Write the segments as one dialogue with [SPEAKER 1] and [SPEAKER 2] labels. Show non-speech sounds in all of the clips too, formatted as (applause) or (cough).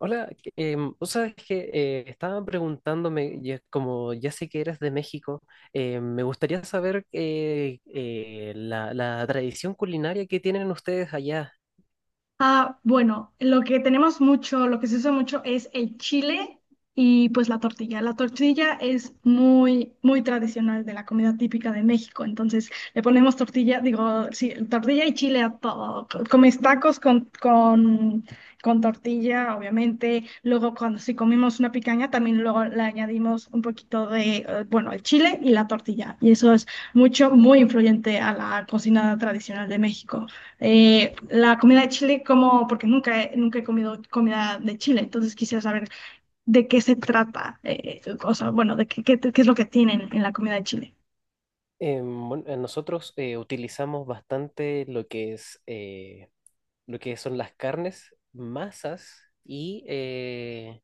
[SPEAKER 1] Hola. Vos sabes que estaba preguntándome, como ya sé que eres de México, me gustaría saber la tradición culinaria que tienen ustedes allá.
[SPEAKER 2] Ah, bueno, lo que tenemos mucho, lo que se usa mucho es el chile y pues la tortilla. La tortilla es muy, muy tradicional de la comida típica de México. Entonces le ponemos tortilla, digo, sí, tortilla y chile a todo. Comes tacos con tortilla, obviamente. Luego cuando si comemos una picaña, también luego le añadimos un poquito de, bueno, el chile y la tortilla. Y eso es mucho, muy influyente a la cocina tradicional de México. ¿ La comida de Chile, como, porque nunca he comido comida de Chile, entonces quisiera saber de qué se trata? O sea, bueno, de qué, qué es lo que tienen en la comida de Chile.
[SPEAKER 1] Bueno, nosotros utilizamos bastante lo que es lo que son las carnes, masas.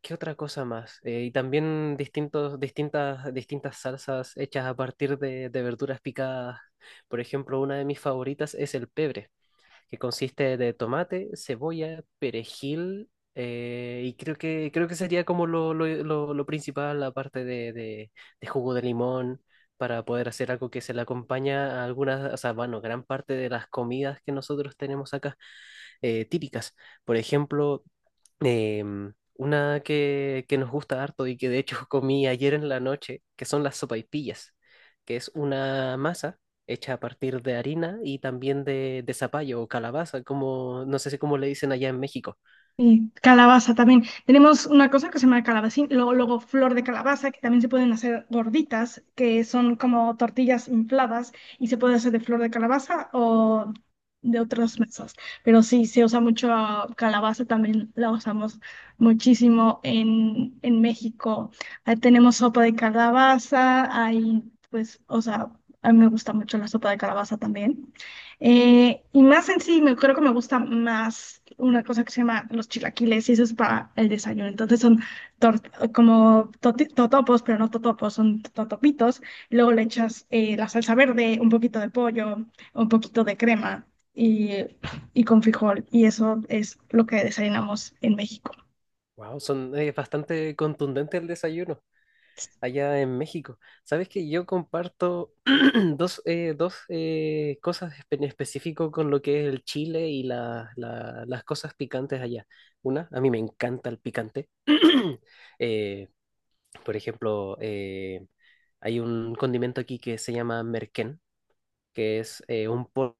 [SPEAKER 1] ¿Qué otra cosa más? Y también distintas salsas hechas a partir de verduras picadas. Por ejemplo, una de mis favoritas es el pebre, que consiste de tomate, cebolla, perejil, y creo que sería como lo principal, aparte de jugo de limón, para poder hacer algo que se le acompaña a algunas, o sea, bueno, gran parte de las comidas que nosotros tenemos acá, típicas. Por ejemplo, una que nos gusta harto y que de hecho (laughs) comí ayer en la noche, que son las sopaipillas, que es una masa hecha a partir de harina y también de zapallo o calabaza, como no sé si cómo le dicen allá en México.
[SPEAKER 2] Y calabaza también. Tenemos una cosa que se llama calabacín, luego flor de calabaza, que también se pueden hacer gorditas, que son como tortillas infladas y se puede hacer de flor de calabaza o de otras mesas. Pero sí, se usa mucho calabaza, también la usamos muchísimo en México. Ahí tenemos sopa de calabaza, hay pues, o sea, a mí me gusta mucho la sopa de calabaza también. Y más en sí, creo que me gusta más una cosa que se llama los chilaquiles, y eso es para el desayuno. Entonces son totopos, pero no totopos, son totopitos. Y luego le echas la salsa verde, un poquito de pollo, un poquito de crema y, y con frijol. Y eso es lo que desayunamos en México.
[SPEAKER 1] Wow, es bastante contundente el desayuno allá en México. Sabes que yo comparto (clears throat) dos cosas en específico con lo que es el chile y las cosas picantes allá. Una, a mí me encanta el picante. (clears throat) Eh, por ejemplo, hay un condimento aquí que se llama merquén, que es un polvo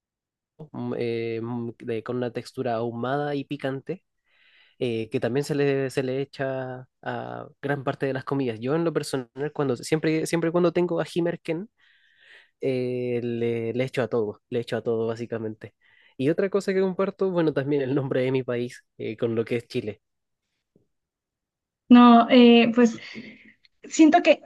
[SPEAKER 1] con una textura ahumada y picante, que también se se le echa a gran parte de las comidas. Yo en lo personal, siempre, siempre cuando tengo ají Himerken, le echo a todo, le echo a todo básicamente. Y otra cosa que comparto, bueno, también el nombre de mi país con lo que es Chile.
[SPEAKER 2] No, pues siento que,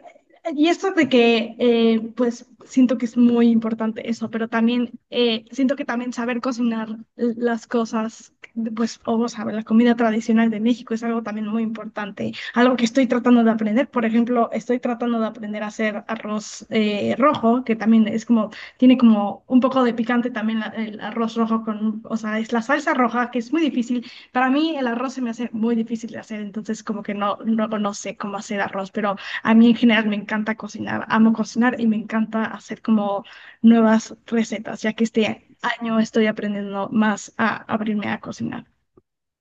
[SPEAKER 2] y esto de que, pues siento que es muy importante eso, pero también siento que también saber cocinar las cosas, pues, o saber la comida tradicional de México es algo también muy importante, algo que estoy tratando de aprender. Por ejemplo, estoy tratando de aprender a hacer arroz rojo, que también es como, tiene como un poco de picante también el arroz rojo con, o sea, es la salsa roja, que es muy difícil. Para mí el arroz se me hace muy difícil de hacer, entonces como que no, no sé cómo hacer arroz, pero a mí en general me encanta cocinar, amo cocinar y me encanta hacer como nuevas recetas, ya que este año estoy aprendiendo más a abrirme a cocinar.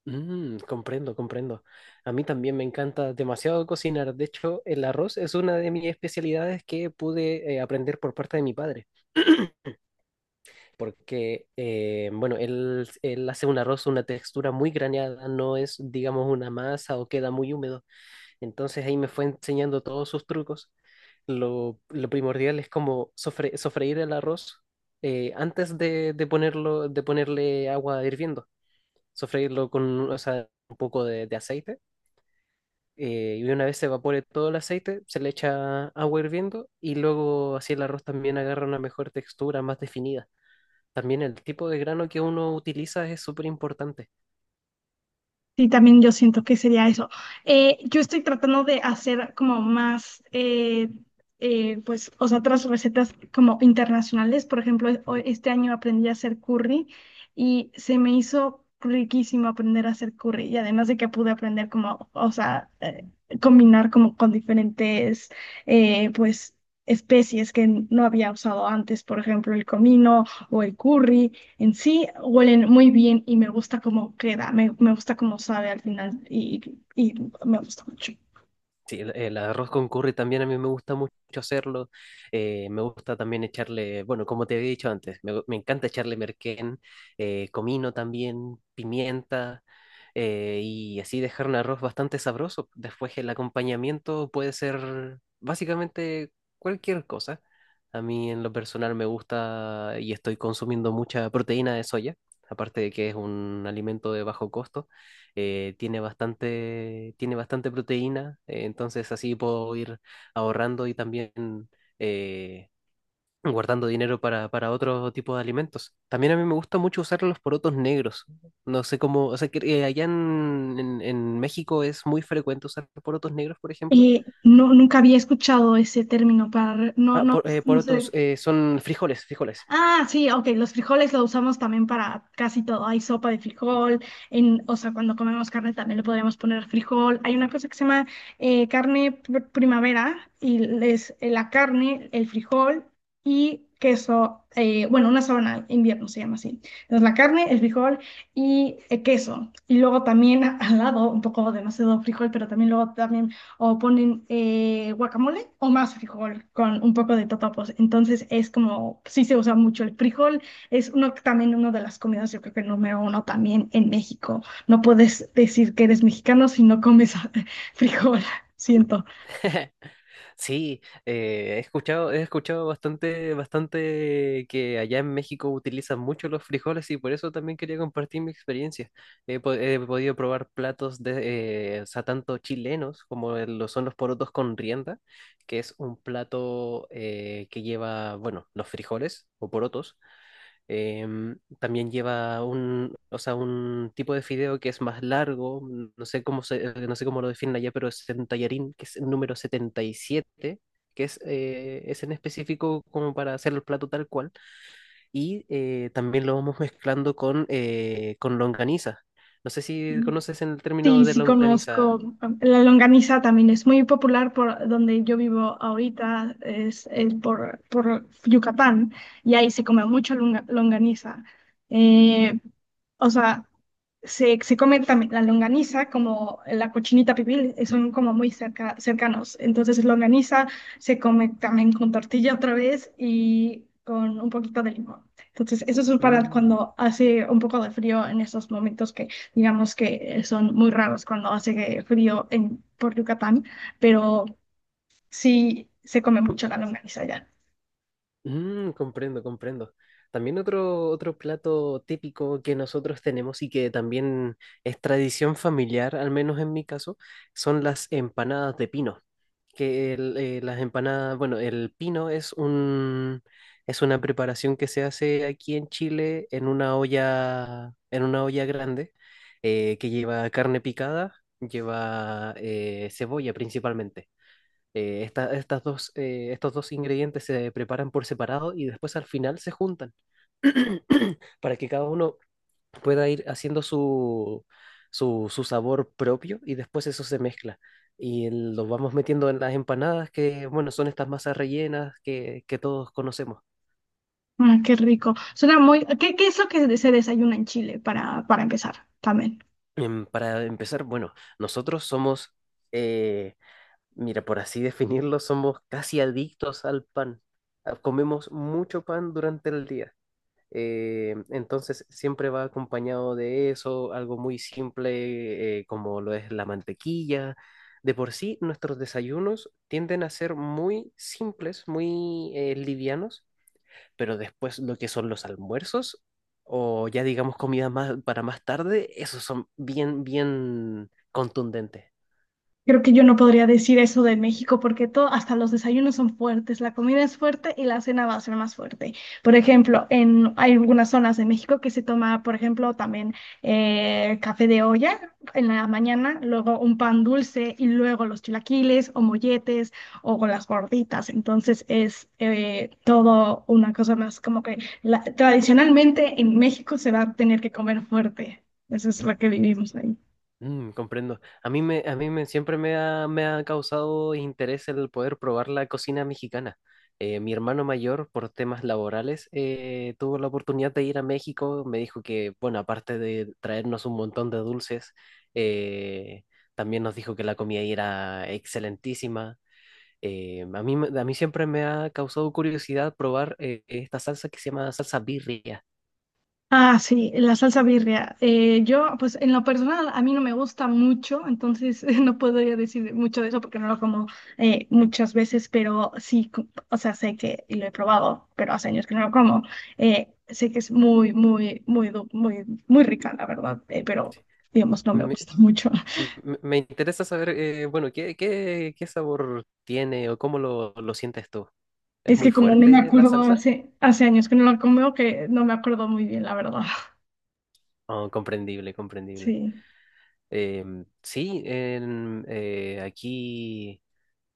[SPEAKER 1] Comprendo, comprendo. A mí también me encanta demasiado cocinar. De hecho, el arroz es una de mis especialidades que pude aprender por parte de mi padre. Porque, bueno, él hace un arroz, una textura muy graneada, no es, digamos, una masa o queda muy húmedo. Entonces ahí me fue enseñando todos sus trucos. Lo primordial es como sofreír el arroz, antes de ponerlo, de ponerle agua hirviendo. Sofreírlo con, o sea, un poco de aceite. Y una vez se evapore todo el aceite, se le echa agua hirviendo y luego así el arroz también agarra una mejor textura, más definida. También el tipo de grano que uno utiliza es súper importante.
[SPEAKER 2] Sí, también yo siento que sería eso. Yo estoy tratando de hacer como más, pues, o sea, otras recetas como internacionales. Por ejemplo, este año aprendí a hacer curry y se me hizo riquísimo aprender a hacer curry. Y además de que pude aprender como, o sea, combinar como con diferentes, pues, especies que no había usado antes. Por ejemplo, el comino o el curry en sí huelen muy bien y me gusta cómo queda, me gusta cómo sabe al final y me gusta mucho.
[SPEAKER 1] Sí, el arroz con curry también a mí me gusta mucho hacerlo. Me gusta también echarle, bueno, como te había dicho antes, me encanta echarle merquén, comino también, pimienta, y así dejar un arroz bastante sabroso. Después el acompañamiento puede ser básicamente cualquier cosa. A mí en lo personal me gusta y estoy consumiendo mucha proteína de soya, aparte de que es un alimento de bajo costo. Tiene bastante, tiene bastante proteína, entonces así puedo ir ahorrando y también eh, guardando dinero para otro tipo de alimentos. También a mí me gusta mucho usar los porotos negros. No sé cómo, o sea, que allá en México es muy frecuente usar porotos negros, por ejemplo.
[SPEAKER 2] No, nunca había escuchado ese término para, no,
[SPEAKER 1] Ah,
[SPEAKER 2] no
[SPEAKER 1] porotos
[SPEAKER 2] sé.
[SPEAKER 1] son frijoles, frijoles.
[SPEAKER 2] Ah, sí, ok, los frijoles lo usamos también para casi todo. Hay sopa de frijol, en, o sea, cuando comemos carne también le podríamos poner frijol. Hay una cosa que se llama carne primavera y es la carne, el frijol y queso, bueno, una sábana invierno se llama así. Entonces la carne, el frijol y queso. Y luego también (laughs) al lado, un poco demasiado frijol, pero también luego también o ponen guacamole o más frijol con un poco de totopos. Entonces es como, sí se usa mucho el frijol, es uno, también una de las comidas, yo creo que número uno también en México. No puedes decir que eres mexicano si no comes (laughs) frijol, siento.
[SPEAKER 1] (laughs) Sí, he escuchado bastante, bastante que allá en México utilizan mucho los frijoles y por eso también quería compartir mi experiencia. He podido probar platos o sea, tanto chilenos como lo son los porotos con rienda, que es un plato que lleva, bueno, los frijoles o porotos. También lleva o sea, un tipo de fideo que es más largo, no sé cómo lo definen allá, pero es un tallarín, que es, el número 77 que es en específico como para hacer el plato tal cual. También lo vamos mezclando con longaniza. No sé si conoces el término
[SPEAKER 2] Sí,
[SPEAKER 1] de
[SPEAKER 2] sí
[SPEAKER 1] longaniza.
[SPEAKER 2] conozco. La longaniza también es muy popular por donde yo vivo ahorita, es, por Yucatán, y ahí se come mucho longaniza. Eh, o sea, se come también la longaniza como la cochinita pibil, son como muy cerca, cercanos. Entonces, longaniza se come también con tortilla otra vez y con un poquito de limón. Entonces, eso es para
[SPEAKER 1] Mm.
[SPEAKER 2] cuando hace un poco de frío en esos momentos, digamos que son muy raros cuando hace frío en, por Yucatán, pero sí se come mucho la longaniza allá.
[SPEAKER 1] Comprendo, comprendo. También otro plato típico que nosotros tenemos y que también es tradición familiar, al menos en mi caso, son las empanadas de pino. Las empanadas, bueno, el pino es es una preparación que se hace aquí en Chile en una olla grande, que lleva carne picada, lleva cebolla principalmente. Estos dos ingredientes se preparan por separado y después al final se juntan (clears throat) para que cada uno pueda ir haciendo su sabor propio y después eso se mezcla. Y lo vamos metiendo en las empanadas que, bueno, son estas masas rellenas que todos conocemos.
[SPEAKER 2] Ah, qué rico. Suena muy… ¿Qué, qué es lo que se desayuna en Chile para empezar también?
[SPEAKER 1] Para empezar, bueno, nosotros somos, eh, mira, por así definirlo, somos casi adictos al pan. Ah, comemos mucho pan durante el día. Entonces siempre va acompañado de eso, algo muy simple como lo es la mantequilla. De por sí, nuestros desayunos tienden a ser muy simples, muy livianos, pero después lo que son los almuerzos o ya digamos comida más para más tarde, esos son bien, bien contundentes.
[SPEAKER 2] Creo que yo no podría decir eso de México porque todo, hasta los desayunos son fuertes, la comida es fuerte y la cena va a ser más fuerte. Por ejemplo, en, hay algunas zonas de México que se toma, por ejemplo, también café de olla en la mañana, luego un pan dulce y luego los chilaquiles o molletes o con las gorditas. Entonces es todo una cosa más como que tradicionalmente en México se va a tener que comer fuerte. Eso es lo que vivimos ahí.
[SPEAKER 1] Comprendo. A mí me siempre me ha causado interés el poder probar la cocina mexicana. Mi hermano mayor, por temas laborales, tuvo la oportunidad de ir a México. Me dijo que, bueno, aparte de traernos un montón de dulces, eh, también nos dijo que la comida ahí era excelentísima. A mí siempre me ha causado curiosidad probar esta salsa que se llama salsa birria.
[SPEAKER 2] Ah, sí, la salsa birria. Yo, pues en lo personal, a mí no me gusta mucho, entonces (laughs) no puedo yo decir mucho de eso porque no lo como muchas veces, pero sí, o sea, sé que, y lo he probado, pero hace años que no lo como, sé que es muy, muy rica, la verdad, pero digamos, no me gusta mucho. (laughs)
[SPEAKER 1] Me interesa saber, bueno, qué sabor tiene o cómo lo sientes tú? ¿Es
[SPEAKER 2] Es
[SPEAKER 1] muy
[SPEAKER 2] que como no me
[SPEAKER 1] fuerte la
[SPEAKER 2] acuerdo,
[SPEAKER 1] salsa?
[SPEAKER 2] hace hace años que no lo como, que no me acuerdo muy bien, la verdad. (laughs)
[SPEAKER 1] Oh, comprendible, comprendible.
[SPEAKER 2] Sí.
[SPEAKER 1] Sí, aquí,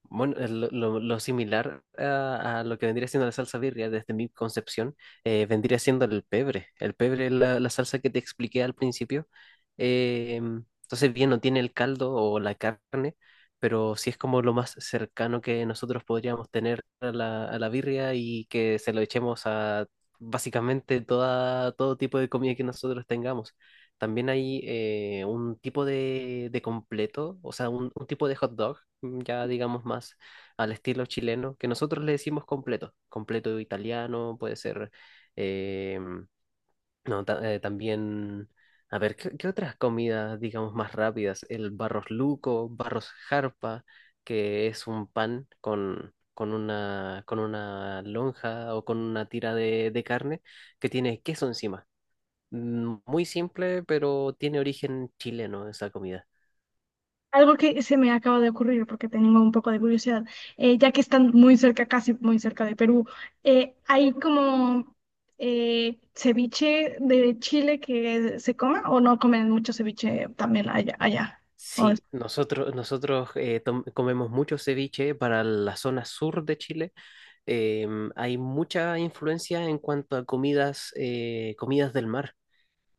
[SPEAKER 1] bueno, lo similar a lo que vendría siendo la salsa birria, desde mi concepción, vendría siendo el pebre. El pebre es la salsa que te expliqué al principio. Eh, entonces, bien, no tiene el caldo o la carne, pero sí es como lo más cercano que nosotros podríamos tener a a la birria y que se lo echemos a básicamente todo tipo de comida que nosotros tengamos. También hay un tipo de completo, o sea, un tipo de hot dog, ya digamos más al estilo chileno, que nosotros le decimos completo. Completo italiano, puede ser. eh, no, también. A ver, qué otras comidas, digamos, más rápidas? El barros luco, barros jarpa, que es un pan con una lonja o con una tira de carne que tiene queso encima. Muy simple, pero tiene origen chileno esa comida.
[SPEAKER 2] Algo que se me acaba de ocurrir porque tengo un poco de curiosidad, ya que están muy cerca, casi muy cerca de Perú, ¿hay como ceviche de Chile que se coma o no comen mucho ceviche también allá, allá?
[SPEAKER 1] Sí, nosotros comemos mucho ceviche para la zona sur de Chile. Hay mucha influencia en cuanto a comidas, comidas del mar.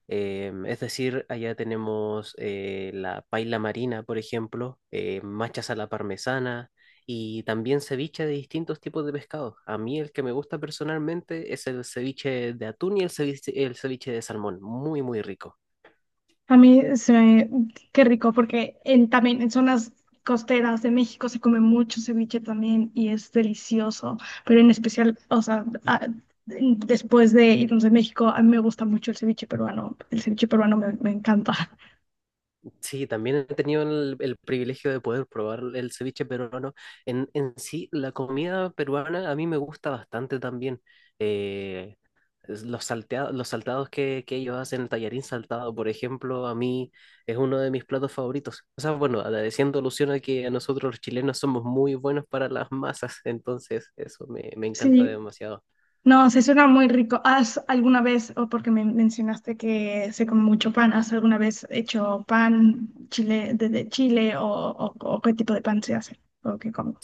[SPEAKER 1] Es decir, allá tenemos la paila marina, por ejemplo, machas a la parmesana y también ceviche de distintos tipos de pescado. A mí el que me gusta personalmente es el ceviche de atún y el ceviche de salmón. Muy, muy rico.
[SPEAKER 2] A mí se me… Qué rico, porque en, también en zonas costeras de México se come mucho ceviche también y es delicioso, pero en especial, o sea, después de irnos de México, a mí me gusta mucho el ceviche peruano me encanta. (laughs)
[SPEAKER 1] Sí, también he tenido el privilegio de poder probar el ceviche peruano. En sí, la comida peruana a mí me gusta bastante también. Eh, es Los, salteados los saltados que ellos hacen, el tallarín saltado, por ejemplo, a mí es uno de mis platos favoritos. O sea, bueno, agradeciendo alusión a que a nosotros los chilenos somos muy buenos para las masas, (laughs) entonces eso me encanta
[SPEAKER 2] Sí,
[SPEAKER 1] demasiado.
[SPEAKER 2] no, se suena muy rico. ¿Has alguna vez, o porque me mencionaste que se come mucho pan, has alguna vez hecho pan chile desde Chile o, o qué tipo de pan se hace o qué comen?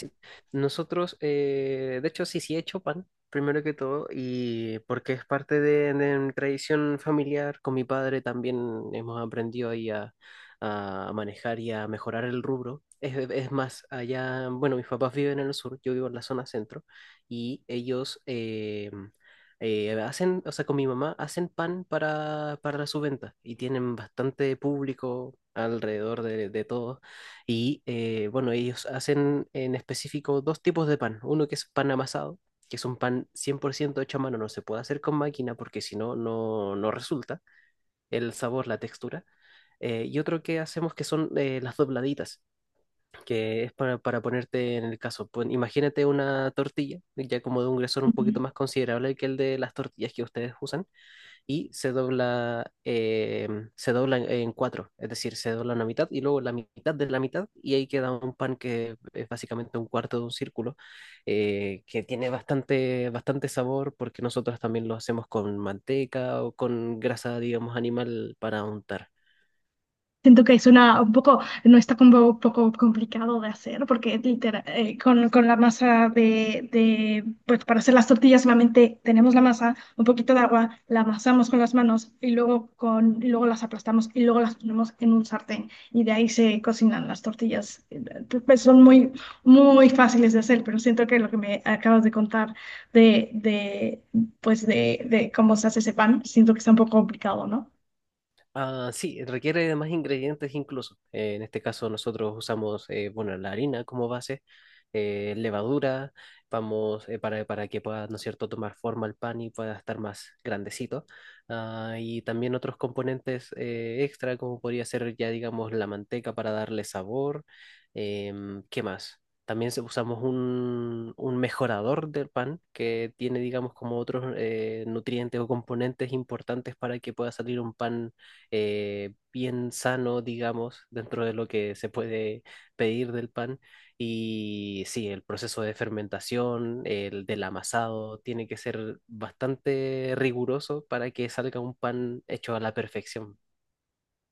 [SPEAKER 1] Nosotros, de hecho, sí, sí he hecho pan, primero que todo, y porque es parte de mi tradición familiar, con mi padre también hemos aprendido ahí a manejar y a mejorar el rubro. Es más, allá, bueno, mis papás viven en el sur, yo vivo en la zona centro, y ellos hacen, o sea, con mi mamá, hacen pan para su venta, y tienen bastante público alrededor de todos y bueno, ellos hacen en específico dos tipos de pan. Uno que es pan amasado, que es un pan 100% hecho a mano, no se puede hacer con máquina porque si no, no resulta el sabor, la textura. Y otro que hacemos que son las dobladitas, que es para ponerte en el caso. Imagínate una tortilla, ya como de un grosor un poquito
[SPEAKER 2] Ujú.
[SPEAKER 1] más considerable que el de las tortillas que ustedes usan, y se dobla en cuatro, es decir, se dobla una mitad y luego la mitad de la mitad y ahí queda un pan que es básicamente un cuarto de un círculo, que tiene bastante, bastante sabor porque nosotros también lo hacemos con manteca o con grasa, digamos, animal para untar.
[SPEAKER 2] Siento que es una, un poco, no está como un poco complicado de hacer, porque literal, con la masa pues para hacer las tortillas solamente tenemos la masa, un poquito de agua, la amasamos con las manos y luego, con, y luego las aplastamos y luego las ponemos en un sartén y de ahí se cocinan las tortillas. Pues son muy, muy fáciles de hacer, pero siento que lo que me acabas de contar de, de, pues de cómo se hace ese pan, siento que está un poco complicado, ¿no?
[SPEAKER 1] Ah, sí, requiere de más ingredientes incluso. En este caso nosotros usamos, bueno, la harina como base, levadura, vamos, para que pueda, ¿no es cierto?, tomar forma el pan y pueda estar más grandecito. Ah, y también otros componentes extra, como podría ser ya, digamos, la manteca para darle sabor. ¿Qué más? También usamos un mejorador del pan que tiene, digamos, como otros nutrientes o componentes importantes para que pueda salir un pan bien sano, digamos, dentro de lo que se puede pedir del pan. Y sí, el proceso de fermentación, el del amasado, tiene que ser bastante riguroso para que salga un pan hecho a la perfección.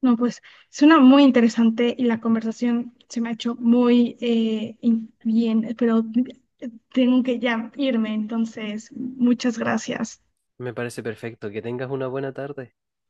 [SPEAKER 2] No, pues suena muy interesante y la conversación se me ha hecho muy bien, pero tengo que ya irme, entonces muchas gracias.
[SPEAKER 1] Me parece perfecto. Que tengas una buena tarde.